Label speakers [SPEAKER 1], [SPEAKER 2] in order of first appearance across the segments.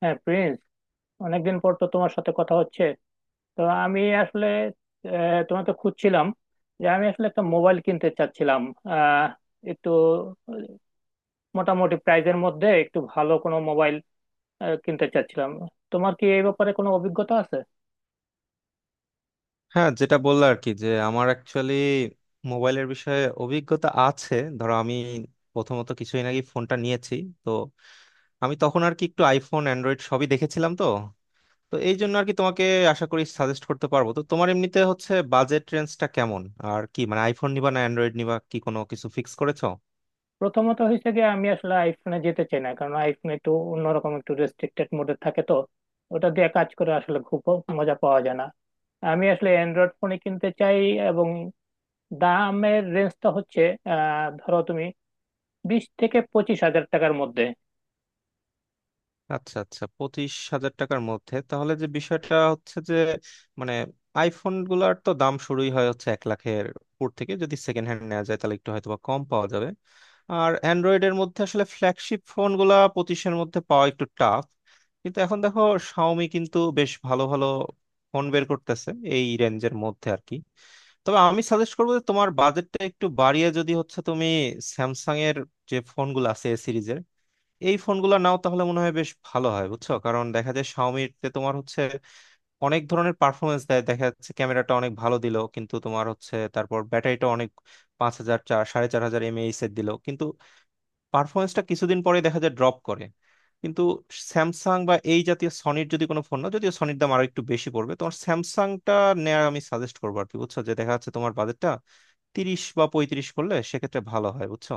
[SPEAKER 1] হ্যাঁ প্রিন্স, অনেকদিন পর তো তোমার সাথে কথা হচ্ছে। তো আমি আসলে তোমাকে খুঁজছিলাম যে আমি আসলে একটা মোবাইল কিনতে চাচ্ছিলাম। আহ, একটু মোটামুটি প্রাইজের মধ্যে একটু ভালো কোনো মোবাইল কিনতে চাচ্ছিলাম। তোমার কি এই ব্যাপারে কোনো অভিজ্ঞতা আছে?
[SPEAKER 2] হ্যাঁ, যেটা বললো আর কি, যে আমার অ্যাকচুয়ালি মোবাইলের বিষয়ে অভিজ্ঞতা আছে। ধরো আমি প্রথমত কিছুদিন আগে ফোনটা নিয়েছি। তো আমি তখন আর কি একটু আইফোন অ্যান্ড্রয়েড সবই দেখেছিলাম। তো তো এই জন্য আর কি তোমাকে আশা করি সাজেস্ট করতে পারবো। তো তোমার এমনিতে হচ্ছে বাজেট রেঞ্জটা কেমন আর কি, মানে আইফোন নিবা না অ্যান্ড্রয়েড নিবা, কি কোনো কিছু ফিক্স করেছো?
[SPEAKER 1] প্রথমত হয়েছে কি, আমি আসলে আইফোনে যেতে চাই না, কারণ আইফোন একটু অন্যরকম, একটু রেস্ট্রিক্টেড মোডে থাকে। তো ওটা দিয়ে কাজ করে আসলে খুব মজা পাওয়া যায় না। আমি আসলে অ্যান্ড্রয়েড ফোনই কিনতে চাই। এবং দামের রেঞ্জটা হচ্ছে ধরো তুমি 20 থেকে 25 হাজার টাকার মধ্যে।
[SPEAKER 2] আচ্ছা, আচ্ছা, 25,000 টাকার মধ্যে। তাহলে যে বিষয়টা হচ্ছে যে, মানে আইফোন গুলার তো দাম শুরুই হয় হচ্ছে 1 লাখের উপর থেকে। যদি সেকেন্ড হ্যান্ড নেওয়া যায় তাহলে একটু হয়তো বা কম পাওয়া যাবে। আর অ্যান্ড্রয়েডের মধ্যে আসলে ফ্ল্যাগশিপ ফোন গুলা পঁচিশের মধ্যে পাওয়া একটু টাফ। কিন্তু এখন দেখো, শাওমি কিন্তু বেশ ভালো ভালো ফোন বের করতেছে এই রেঞ্জের মধ্যে আর কি। তবে আমি সাজেস্ট করবো যে তোমার বাজেটটা একটু বাড়িয়ে যদি হচ্ছে তুমি স্যামসাং এর যে ফোনগুলো আছে এ সিরিজের, এই ফোনগুলো নাও তাহলে মনে হয় বেশ ভালো হয় বুঝছো। কারণ দেখা যায় শাওমিতে তোমার হচ্ছে অনেক ধরনের পারফরমেন্স দেয়, দেখা যাচ্ছে ক্যামেরাটা অনেক ভালো দিল কিন্তু তোমার হচ্ছে তারপর ব্যাটারিটা অনেক 5,000, 4, 4.5 হাজার এমএএইচ এর দিল, কিন্তু পারফরমেন্সটা কিছুদিন পরে দেখা যায় ড্রপ করে। কিন্তু স্যামসাং বা এই জাতীয় সনির যদি কোনো ফোন, না যদিও সনির দাম আরো একটু বেশি পড়বে, তোমার স্যামসাংটা নেওয়ার আমি সাজেস্ট করবো আর কি বুঝছো। যে দেখা যাচ্ছে তোমার বাজেটটা 30 বা 35 করলে সেক্ষেত্রে ভালো হয় বুঝছো।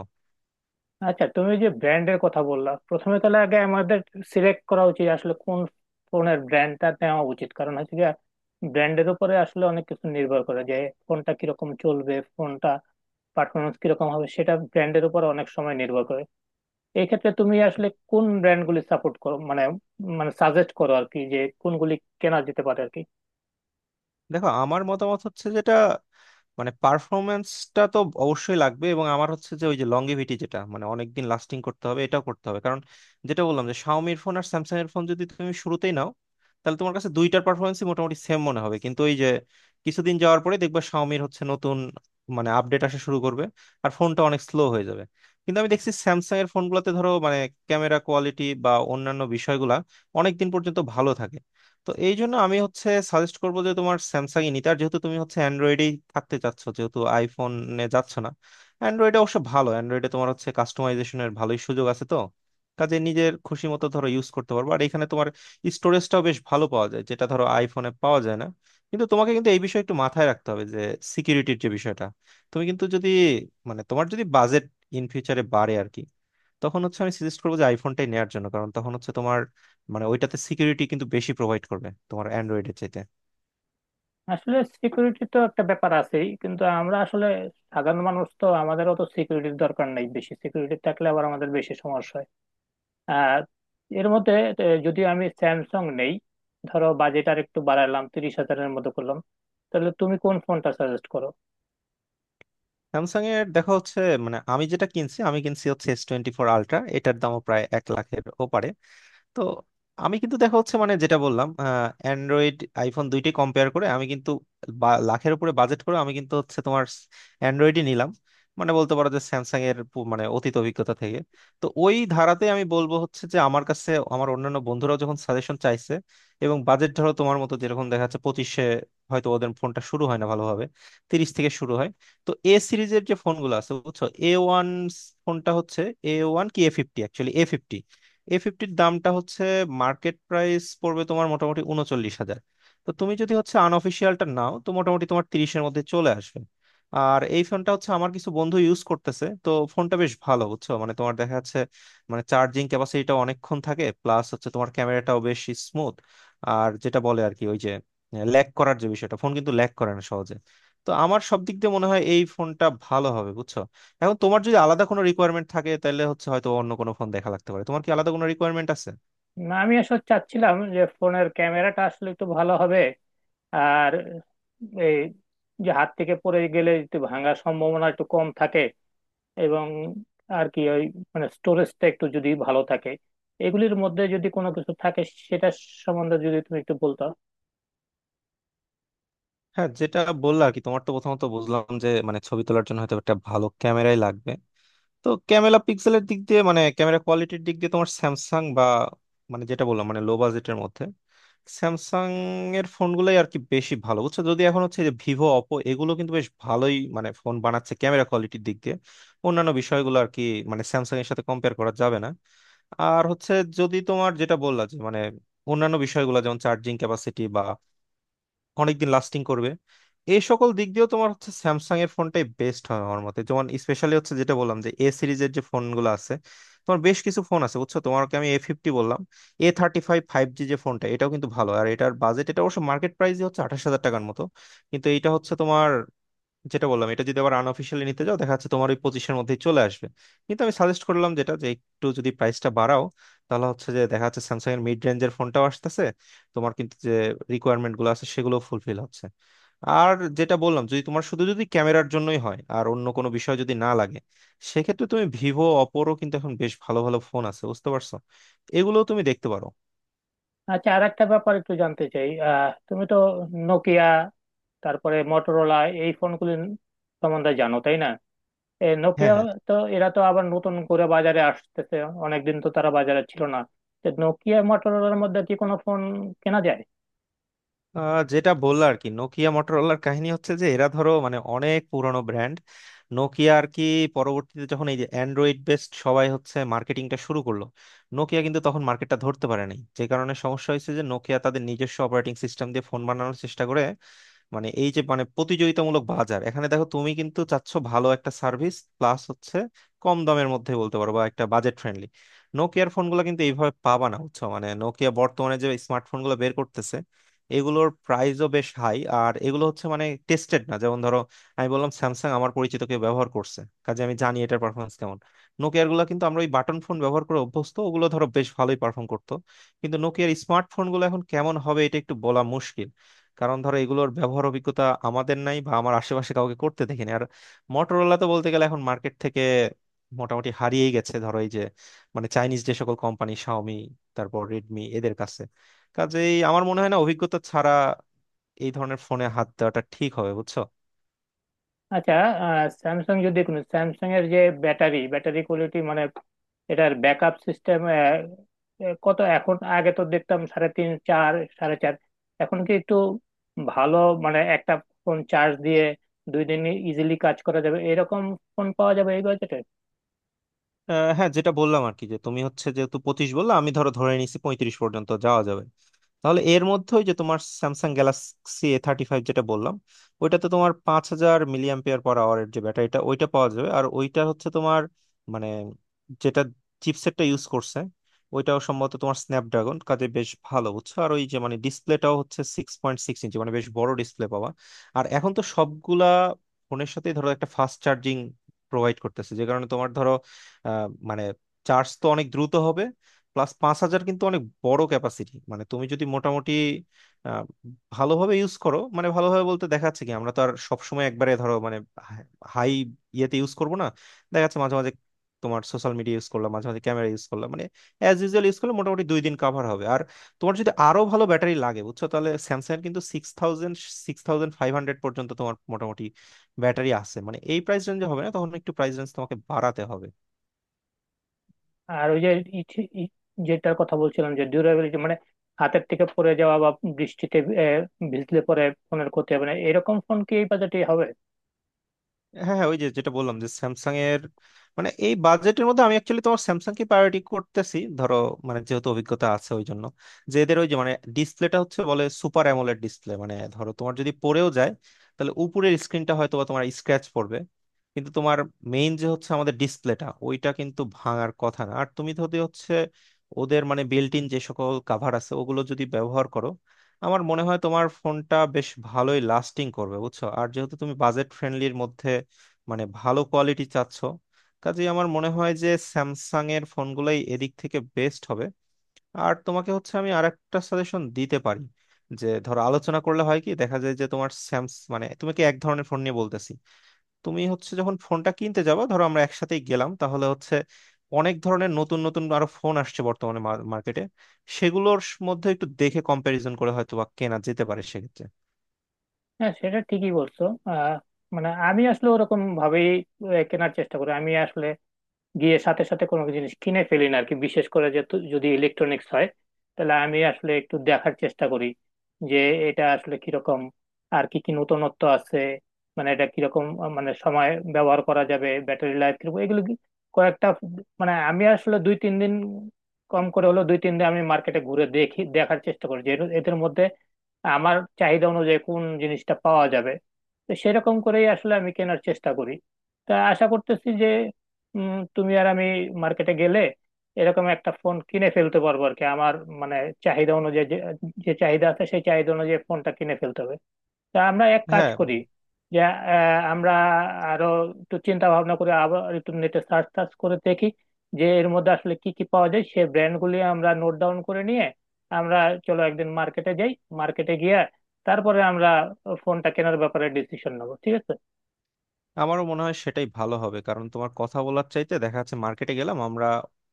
[SPEAKER 1] আচ্ছা, তুমি যে ব্র্যান্ডের কথা বললা, প্রথমে তাহলে আগে আমাদের সিলেক্ট করা উচিত আসলে কোন ফোনের ব্র্যান্ডটা নেওয়া উচিত, কারণ হচ্ছে যে ব্র্যান্ডের উপরে আসলে অনেক কিছু নির্ভর করে, যে ফোনটা কিরকম চলবে, ফোনটা পারফরমেন্স কিরকম হবে, সেটা ব্র্যান্ডের উপর অনেক সময় নির্ভর করে। এই ক্ষেত্রে তুমি আসলে কোন ব্র্যান্ডগুলি সাপোর্ট করো, মানে মানে সাজেস্ট করো আর কি, যে কোনগুলি কেনা যেতে পারে আর কি।
[SPEAKER 2] দেখো আমার মতামত হচ্ছে যেটা, মানে পারফরমেন্সটা তো অবশ্যই লাগবে, এবং আমার হচ্ছে যে ওই যে লংগেভিটি যেটা, মানে অনেকদিন লাস্টিং করতে হবে, এটাও করতে হবে। কারণ যেটা বললাম যে শাওমির ফোন আর স্যামসাং এর ফোন যদি তুমি শুরুতেই নাও, তাহলে তোমার কাছে দুইটার পারফরমেন্সই মোটামুটি সেম মনে হবে, কিন্তু ওই যে কিছুদিন যাওয়ার পরে দেখবে শাওমির হচ্ছে নতুন মানে আপডেট আসা শুরু করবে, আর ফোনটা অনেক স্লো হয়ে যাবে। কিন্তু আমি দেখছি স্যামসাং এর ফোনগুলোতে, ধরো মানে ক্যামেরা কোয়ালিটি বা অন্যান্য বিষয়গুলা অনেকদিন পর্যন্ত ভালো থাকে। তো এই জন্য আমি হচ্ছে সাজেস্ট করবো যে তোমার স্যামসাংই নিতে, আর যেহেতু তুমি হচ্ছে অ্যান্ড্রয়েডেই থাকতে চাচ্ছ, যেহেতু আইফোনে যাচ্ছ না, অ্যান্ড্রয়েডে অবশ্য ভালো, অ্যান্ড্রয়েডে তোমার হচ্ছে কাস্টমাইজেশনের ভালোই সুযোগ আছে। তো কাজে নিজের খুশি মতো ধরো ইউজ করতে পারবো, আর এখানে তোমার স্টোরেজটাও বেশ ভালো পাওয়া যায়, যেটা ধরো আইফোনে পাওয়া যায় না। কিন্তু তোমাকে কিন্তু এই বিষয়ে একটু মাথায় রাখতে হবে যে সিকিউরিটির যে বিষয়টা, তুমি কিন্তু যদি, মানে তোমার যদি বাজেট ইন ফিউচারে বাড়ে আর কি, তখন হচ্ছে আমি সাজেস্ট করবো যে আইফোনটাই নেওয়ার জন্য। কারণ তখন হচ্ছে তোমার, মানে ওইটাতে সিকিউরিটি কিন্তু বেশি প্রোভাইড করবে তোমার অ্যান্ড্রয়েডের চাইতে।
[SPEAKER 1] আসলে সিকিউরিটি তো একটা ব্যাপার আছেই, কিন্তু আমরা আসলে সাধারণ মানুষ, তো আমাদের অত সিকিউরিটির দরকার নাই, বেশি সিকিউরিটি থাকলে আবার আমাদের বেশি সমস্যা হয়। আর এর মধ্যে যদি আমি স্যামসাং নেই, ধরো বাজেট আর একটু বাড়ালাম, 30 হাজারের মতো করলাম, তাহলে তুমি কোন ফোনটা সাজেস্ট করো?
[SPEAKER 2] স্যামসাং এর দেখা হচ্ছে, মানে আমি যেটা কিনছি আমি কিনছি হচ্ছে S24 Ultra, এটার দামও প্রায় 1 লাখের ওপারে। তো আমি কিন্তু দেখা হচ্ছে, মানে যেটা বললাম অ্যান্ড্রয়েড আইফোন দুইটি কম্পেয়ার করে আমি কিন্তু লাখের উপরে বাজেট করে আমি কিন্তু হচ্ছে তোমার অ্যান্ড্রয়েডই নিলাম। মানে বলতে পারো যে স্যামসাং এর মানে অতীত অভিজ্ঞতা থেকে। তো ওই ধারাতে আমি বলবো হচ্ছে যে আমার কাছে, আমার অন্যান্য বন্ধুরাও যখন সাজেশন চাইছে এবং বাজেট ধরো তোমার মতো যেরকম দেখা যাচ্ছে 25-এ, হয়তো ওদের ফোনটা শুরু হয় না ভালোভাবে, 30 থেকে শুরু হয়। তো এ সিরিজের যে ফোনগুলো আছে বুঝছো, A1 ফোনটা হচ্ছে, A1 কি A50, অ্যাকচুয়ালি A50। A50-র দামটা হচ্ছে মার্কেট প্রাইস পড়বে তোমার মোটামুটি 39,000। তো তুমি যদি হচ্ছে আনঅফিসিয়ালটা নাও, তো মোটামুটি তোমার 30-এর মধ্যে চলে আসবে। আর এই ফোনটা হচ্ছে আমার কিছু বন্ধু ইউজ করতেছে, তো ফোনটা বেশ ভালো বুঝছো। মানে তোমার দেখা যাচ্ছে মানে চার্জিং ক্যাপাসিটিটা অনেকক্ষণ থাকে, প্লাস হচ্ছে তোমার ক্যামেরাটাও বেশ স্মুথ। আর যেটা বলে আর কি ওই যে ল্যাগ করার যে বিষয়টা, ফোন কিন্তু ল্যাগ করে না সহজে। তো আমার সব দিক দিয়ে মনে হয় এই ফোনটা ভালো হবে বুঝছো। এখন তোমার যদি আলাদা কোনো রিকোয়ারমেন্ট থাকে তাহলে হচ্ছে হয়তো অন্য কোনো ফোন দেখা লাগতে পারে, তোমার কি আলাদা কোনো রিকোয়ারমেন্ট আছে?
[SPEAKER 1] না, আমি আসলে চাচ্ছিলাম যে ফোনের ক্যামেরাটা আসলে একটু ভালো হবে, আর এই যে হাত থেকে পড়ে গেলে একটু ভাঙার সম্ভাবনা একটু কম থাকে, এবং আর কি ওই মানে স্টোরেজটা একটু যদি ভালো থাকে। এগুলির মধ্যে যদি কোনো কিছু থাকে সেটা সম্বন্ধে যদি তুমি একটু বলতো।
[SPEAKER 2] হ্যাঁ, যেটা বললা আর কি, তোমার তো প্রথমত বুঝলাম যে মানে ছবি তোলার জন্য হয়তো একটা ভালো ক্যামেরাই লাগবে। তো ক্যামেরা পিক্সেলের দিক দিয়ে, মানে ক্যামেরা কোয়ালিটির দিক দিয়ে তোমার স্যামসাং বা, মানে যেটা বললাম মানে লো বাজেটের মধ্যে স্যামসাং এর ফোনগুলোই আর কি বেশি ভালো বুঝছো। যদি এখন হচ্ছে, যে ভিভো অপো এগুলো কিন্তু বেশ ভালোই, মানে ফোন বানাচ্ছে ক্যামেরা কোয়ালিটির দিক দিয়ে, অন্যান্য বিষয়গুলো আর কি মানে স্যামসাং এর সাথে কম্পেয়ার করা যাবে না। আর হচ্ছে, যদি তোমার যেটা বললা যে, মানে অন্যান্য বিষয়গুলো যেমন চার্জিং ক্যাপাসিটি বা অনেকদিন লাস্টিং করবে, এই সকল দিক দিয়েও তোমার হচ্ছে স্যামসাং এর ফোনটাই বেস্ট হয় আমার মতে। যেমন স্পেশালি হচ্ছে যেটা বললাম যে এ সিরিজের যে ফোনগুলো আছে, তোমার বেশ কিছু ফোন আছে বুঝছো। তোমাকে আমি A50 বললাম, A35 5G যে ফোনটা, এটাও কিন্তু ভালো, আর এটার বাজেট এটা অবশ্য মার্কেট প্রাইস হচ্ছে 28,000 টাকার মতো। কিন্তু এটা হচ্ছে তোমার, যেটা বললাম এটা যদি আবার আনঅফিসিয়ালি নিতে যাও দেখা যাচ্ছে তোমার ওই 25-এর মধ্যেই চলে আসবে। কিন্তু আমি সাজেস্ট করলাম যেটা, যে একটু যদি প্রাইসটা বাড়াও, তাহলে হচ্ছে যে দেখা যাচ্ছে স্যামসাং এর মিড রেঞ্জের ফোনটাও আসতেছে, তোমার কিন্তু যে রিকোয়ারমেন্ট গুলো আছে সেগুলো ফুলফিল হচ্ছে। আর যেটা বললাম যদি তোমার শুধু যদি ক্যামেরার জন্যই হয় আর অন্য কোনো বিষয় যদি না লাগে, সেক্ষেত্রে তুমি ভিভো অপোরও কিন্তু এখন বেশ ভালো ভালো ফোন আছে বুঝতে পারছো, এগুলো তুমি দেখতে পারো।
[SPEAKER 1] আচ্ছা, আর একটা ব্যাপার একটু জানতে চাই। আহ তুমি তো নোকিয়া, তারপরে মটোরোলা, এই ফোনগুলির সম্বন্ধে জানো তাই না? এই
[SPEAKER 2] হ্যাঁ,
[SPEAKER 1] নোকিয়া,
[SPEAKER 2] হ্যাঁ।
[SPEAKER 1] তো এরা তো আবার নতুন করে বাজারে আসতেছে, অনেকদিন তো তারা বাজারে ছিল না। তো নোকিয়া মটোরোলার মধ্যে কি কোনো ফোন কেনা যায়?
[SPEAKER 2] যেটা বললো আর কি, নোকিয়া মোটরোলার কাহিনী হচ্ছে যে এরা ধরো মানে অনেক পুরনো ব্র্যান্ড। নোকিয়া আর কি পরবর্তীতে যখন এই যে অ্যান্ড্রয়েড বেসড সবাই হচ্ছে মার্কেটিংটা শুরু করলো, নোকিয়া কিন্তু তখন মার্কেটটা ধরতে পারে নাই। যে কারণে সমস্যা হয়েছে যে নোকিয়া তাদের নিজস্ব অপারেটিং সিস্টেম দিয়ে ফোন বানানোর চেষ্টা করে। মানে এই যে মানে প্রতিযোগিতামূলক বাজার, এখানে দেখো তুমি কিন্তু চাচ্ছ ভালো একটা সার্ভিস, প্লাস হচ্ছে কম দামের মধ্যে বলতে পারো বা একটা বাজেট ফ্রেন্ডলি। নোকিয়ার ফোনগুলো কিন্তু এইভাবে পাবা না বুঝছো। মানে নোকিয়া বর্তমানে যে স্মার্টফোনগুলো বের করতেছে এগুলোর প্রাইসও বেশ হাই, আর এগুলো হচ্ছে মানে টেস্টেড না। যেমন ধরো আমি বললাম স্যামসাং আমার পরিচিত কেউ ব্যবহার করছে, কাজে আমি জানি এটার পারফরমেন্স কেমন। নোকিয়ার গুলো কিন্তু, আমরা ওই বাটন ফোন ব্যবহার করে অভ্যস্ত, ওগুলো ধরো বেশ ভালোই পারফর্ম করতো, কিন্তু নোকিয়ার স্মার্টফোন গুলো এখন কেমন হবে এটা একটু বলা মুশকিল। কারণ ধরো এগুলোর ব্যবহার অভিজ্ঞতা আমাদের নাই বা আমার আশেপাশে কাউকে করতে দেখিনি। আর মটোরোলা তো বলতে গেলে এখন মার্কেট থেকে মোটামুটি হারিয়েই গেছে, ধরো এই যে মানে চাইনিজ যে সকল কোম্পানি শাওমি, তারপর রেডমি এদের কাছে। কাজেই আমার মনে হয় না অভিজ্ঞতা ছাড়া এই ধরনের ফোনে হাত দেওয়াটা ঠিক হবে বুঝছো।
[SPEAKER 1] আচ্ছা, স্যামসাং যদি কোনো, স্যামসাং এর যে ব্যাটারি ব্যাটারি কোয়ালিটি, মানে এটার ব্যাকআপ সিস্টেম কত এখন? আগে তো দেখতাম সাড়ে তিন, চার, সাড়ে চার। এখন কি একটু ভালো, মানে একটা ফোন চার্জ দিয়ে 2 দিন ইজিলি কাজ করা যাবে এরকম ফোন পাওয়া যাবে এই বাজেটে?
[SPEAKER 2] হ্যাঁ, যেটা বললাম আর কি, যে তুমি হচ্ছে যেহেতু 25 বললা, আমি ধরো ধরে নিছি 35 পর্যন্ত যাওয়া যাবে। তাহলে এর মধ্যে ওই যে তোমার স্যামসাং গ্যালাক্সি A35 যেটা বললাম, ওইটাতে তোমার 5000 mAh-র যে ব্যাটারিটা ওইটা পাওয়া যাবে। আর ওইটা হচ্ছে তোমার মানে যেটা চিপসেটটা ইউজ করছে ওইটাও সম্ভবত তোমার স্ন্যাপড্রাগন, কাজে বেশ ভালো বুঝছো। আর ওই যে মানে ডিসপ্লেটাও হচ্ছে 6.6 ইঞ্চি, মানে বেশ বড় ডিসপ্লে পাওয়া। আর এখন তো সবগুলা ফোনের সাথেই ধরো একটা ফাস্ট চার্জিং প্রোভাইড করতেছে, যে কারণে তোমার ধরো মানে চার্জ তো অনেক দ্রুত হবে। প্লাস 5,000 কিন্তু অনেক বড় ক্যাপাসিটি। মানে তুমি যদি মোটামুটি আহ, ভালোভাবে ইউজ করো, মানে ভালোভাবে বলতে দেখা যাচ্ছে কি আমরা তো আর সবসময় একবারে ধরো মানে হাই ইয়েতে ইউজ করবো না। দেখা যাচ্ছে মাঝে মাঝে তোমার সোশ্যাল মিডিয়া ইউজ করলাম, মাঝে মাঝে ক্যামেরা ইউজ করলাম, মানে অ্যাজ ইউজুয়াল ইউজ করলে মোটামুটি 2 দিন কাভার হবে। আর তোমার যদি আরো ভালো ব্যাটারি লাগে বুঝছো, তাহলে স্যামসাং এর কিন্তু 6,000, 6,500 পর্যন্ত তোমার মোটামুটি ব্যাটারি আছে, মানে এই প্রাইস রেঞ্জে হবে না, তখন একটু প্রাইস রেঞ্জ তোমাকে বাড়াতে হবে।
[SPEAKER 1] আর ওই যে ইচ- ই- যেটার কথা বলছিলাম, যে ডিউরেবিলিটি, মানে হাতের থেকে পড়ে যাওয়া বা বৃষ্টিতে আহ, ভিজলে পরে ফোনের ক্ষতি হবে না, এরকম ফোন কি এই বাজেটে হবে?
[SPEAKER 2] হ্যাঁ, হ্যাঁ, ওই যে যেটা বললাম যে স্যামসাং এর, মানে এই বাজেটের মধ্যে আমি অ্যাকচুয়ালি তোমার স্যামসাং কে প্রায়োরিটি করতেছি ধরো, মানে যেহেতু অভিজ্ঞতা আছে ওই জন্য। যে এদের ওই যে মানে ডিসপ্লেটা হচ্ছে বলে সুপার অ্যামোলেড ডিসপ্লে, মানে ধরো তোমার যদি পড়েও যায় তাহলে উপরের স্ক্রিনটা হয়তো বা তোমার স্ক্র্যাচ পড়বে, কিন্তু তোমার মেইন যে হচ্ছে আমাদের ডিসপ্লেটা ওইটা কিন্তু ভাঙার কথা না। আর তুমি যদি হচ্ছে ওদের মানে বিল্ট ইন যে সকল কাভার আছে ওগুলো যদি ব্যবহার করো, আমার মনে হয় তোমার ফোনটা বেশ ভালোই লাস্টিং করবে বুঝছো। আর যেহেতু তুমি বাজেট ফ্রেন্ডলির মধ্যে মানে ভালো কোয়ালিটি চাচ্ছ, কাজেই আমার মনে হয় যে স্যামসাং এর ফোনগুলাই এদিক থেকে বেস্ট হবে। আর তোমাকে হচ্ছে আমি আর একটা সাজেশন দিতে পারি যে ধরো আলোচনা করলে হয় কি দেখা যায় যে তোমার মানে তুমি কি এক ধরনের ফোন নিয়ে বলতেছি, তুমি হচ্ছে যখন ফোনটা কিনতে যাবো ধরো আমরা একসাথেই গেলাম, তাহলে হচ্ছে অনেক ধরনের নতুন নতুন আরো ফোন আসছে বর্তমানে মার্কেটে, সেগুলোর মধ্যে একটু দেখে কম্প্যারিজন করে হয়তো বা কেনা যেতে পারে সেক্ষেত্রে।
[SPEAKER 1] হ্যাঁ, সেটা ঠিকই বলছো। আহ মানে আমি আসলে ওরকম ভাবেই কেনার চেষ্টা করি। আমি আসলে গিয়ে সাথে সাথে কোনো জিনিস কিনে ফেলি না আর কি, বিশেষ করে যে যদি ইলেকট্রনিক্স হয়, তাহলে আমি আসলে একটু দেখার চেষ্টা করি যে এটা আসলে কিরকম, আর কি কি নতুনত্ব আছে, মানে এটা কিরকম মানে সময় ব্যবহার করা যাবে, ব্যাটারি লাইফ কিরকম, এগুলো কি কয়েকটা, মানে আমি আসলে 2-3 দিন, কম করে হলো 2-3 দিন আমি মার্কেটে ঘুরে দেখি, দেখার চেষ্টা করি যে এদের মধ্যে আমার চাহিদা অনুযায়ী কোন জিনিসটা পাওয়া যাবে। তো সেরকম করেই আসলে আমি কেনার চেষ্টা করি। তা আশা করতেছি যে তুমি আর আমি মার্কেটে গেলে এরকম একটা ফোন কিনে ফেলতে পারবো আর কি, আমার মানে চাহিদা অনুযায়ী, যে যে চাহিদা আছে সেই চাহিদা অনুযায়ী ফোনটা কিনে ফেলতে হবে। তা আমরা এক কাজ
[SPEAKER 2] হ্যাঁ,
[SPEAKER 1] করি, যে আমরা আরো একটু চিন্তা ভাবনা করে আবার একটু নেটে সার্চ টার্চ করে দেখি যে এর মধ্যে আসলে কি কি পাওয়া যায়, সেই ব্র্যান্ডগুলি আমরা নোট ডাউন করে নিয়ে আমরা চলো একদিন মার্কেটে যাই। মার্কেটে গিয়ে তারপরে আমরা ফোনটা কেনার ব্যাপারে ডিসিশন নেবো, ঠিক আছে?
[SPEAKER 2] আমারও মনে হয় সেটাই ভালো হবে। কারণ তোমার কথা বলার চাইতে দেখা যাচ্ছে মার্কেটে গেলাম আমরা,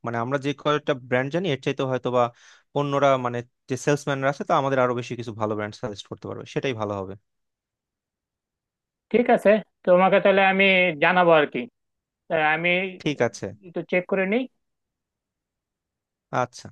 [SPEAKER 2] মানে আমরা যে কয়েকটা ব্র্যান্ড জানি এর চাইতে হয়তো বা অন্যরা, মানে যে সেলসম্যানরা আছে তা আমাদের আরো বেশি কিছু ভালো ব্র্যান্ড সাজেস্ট করতে পারবে, সেটাই ভালো হবে।
[SPEAKER 1] ঠিক আছে, তোমাকে তাহলে আমি জানাবো আর কি। তা আমি
[SPEAKER 2] ঠিক আছে।
[SPEAKER 1] তো চেক করে নিই।
[SPEAKER 2] আচ্ছা।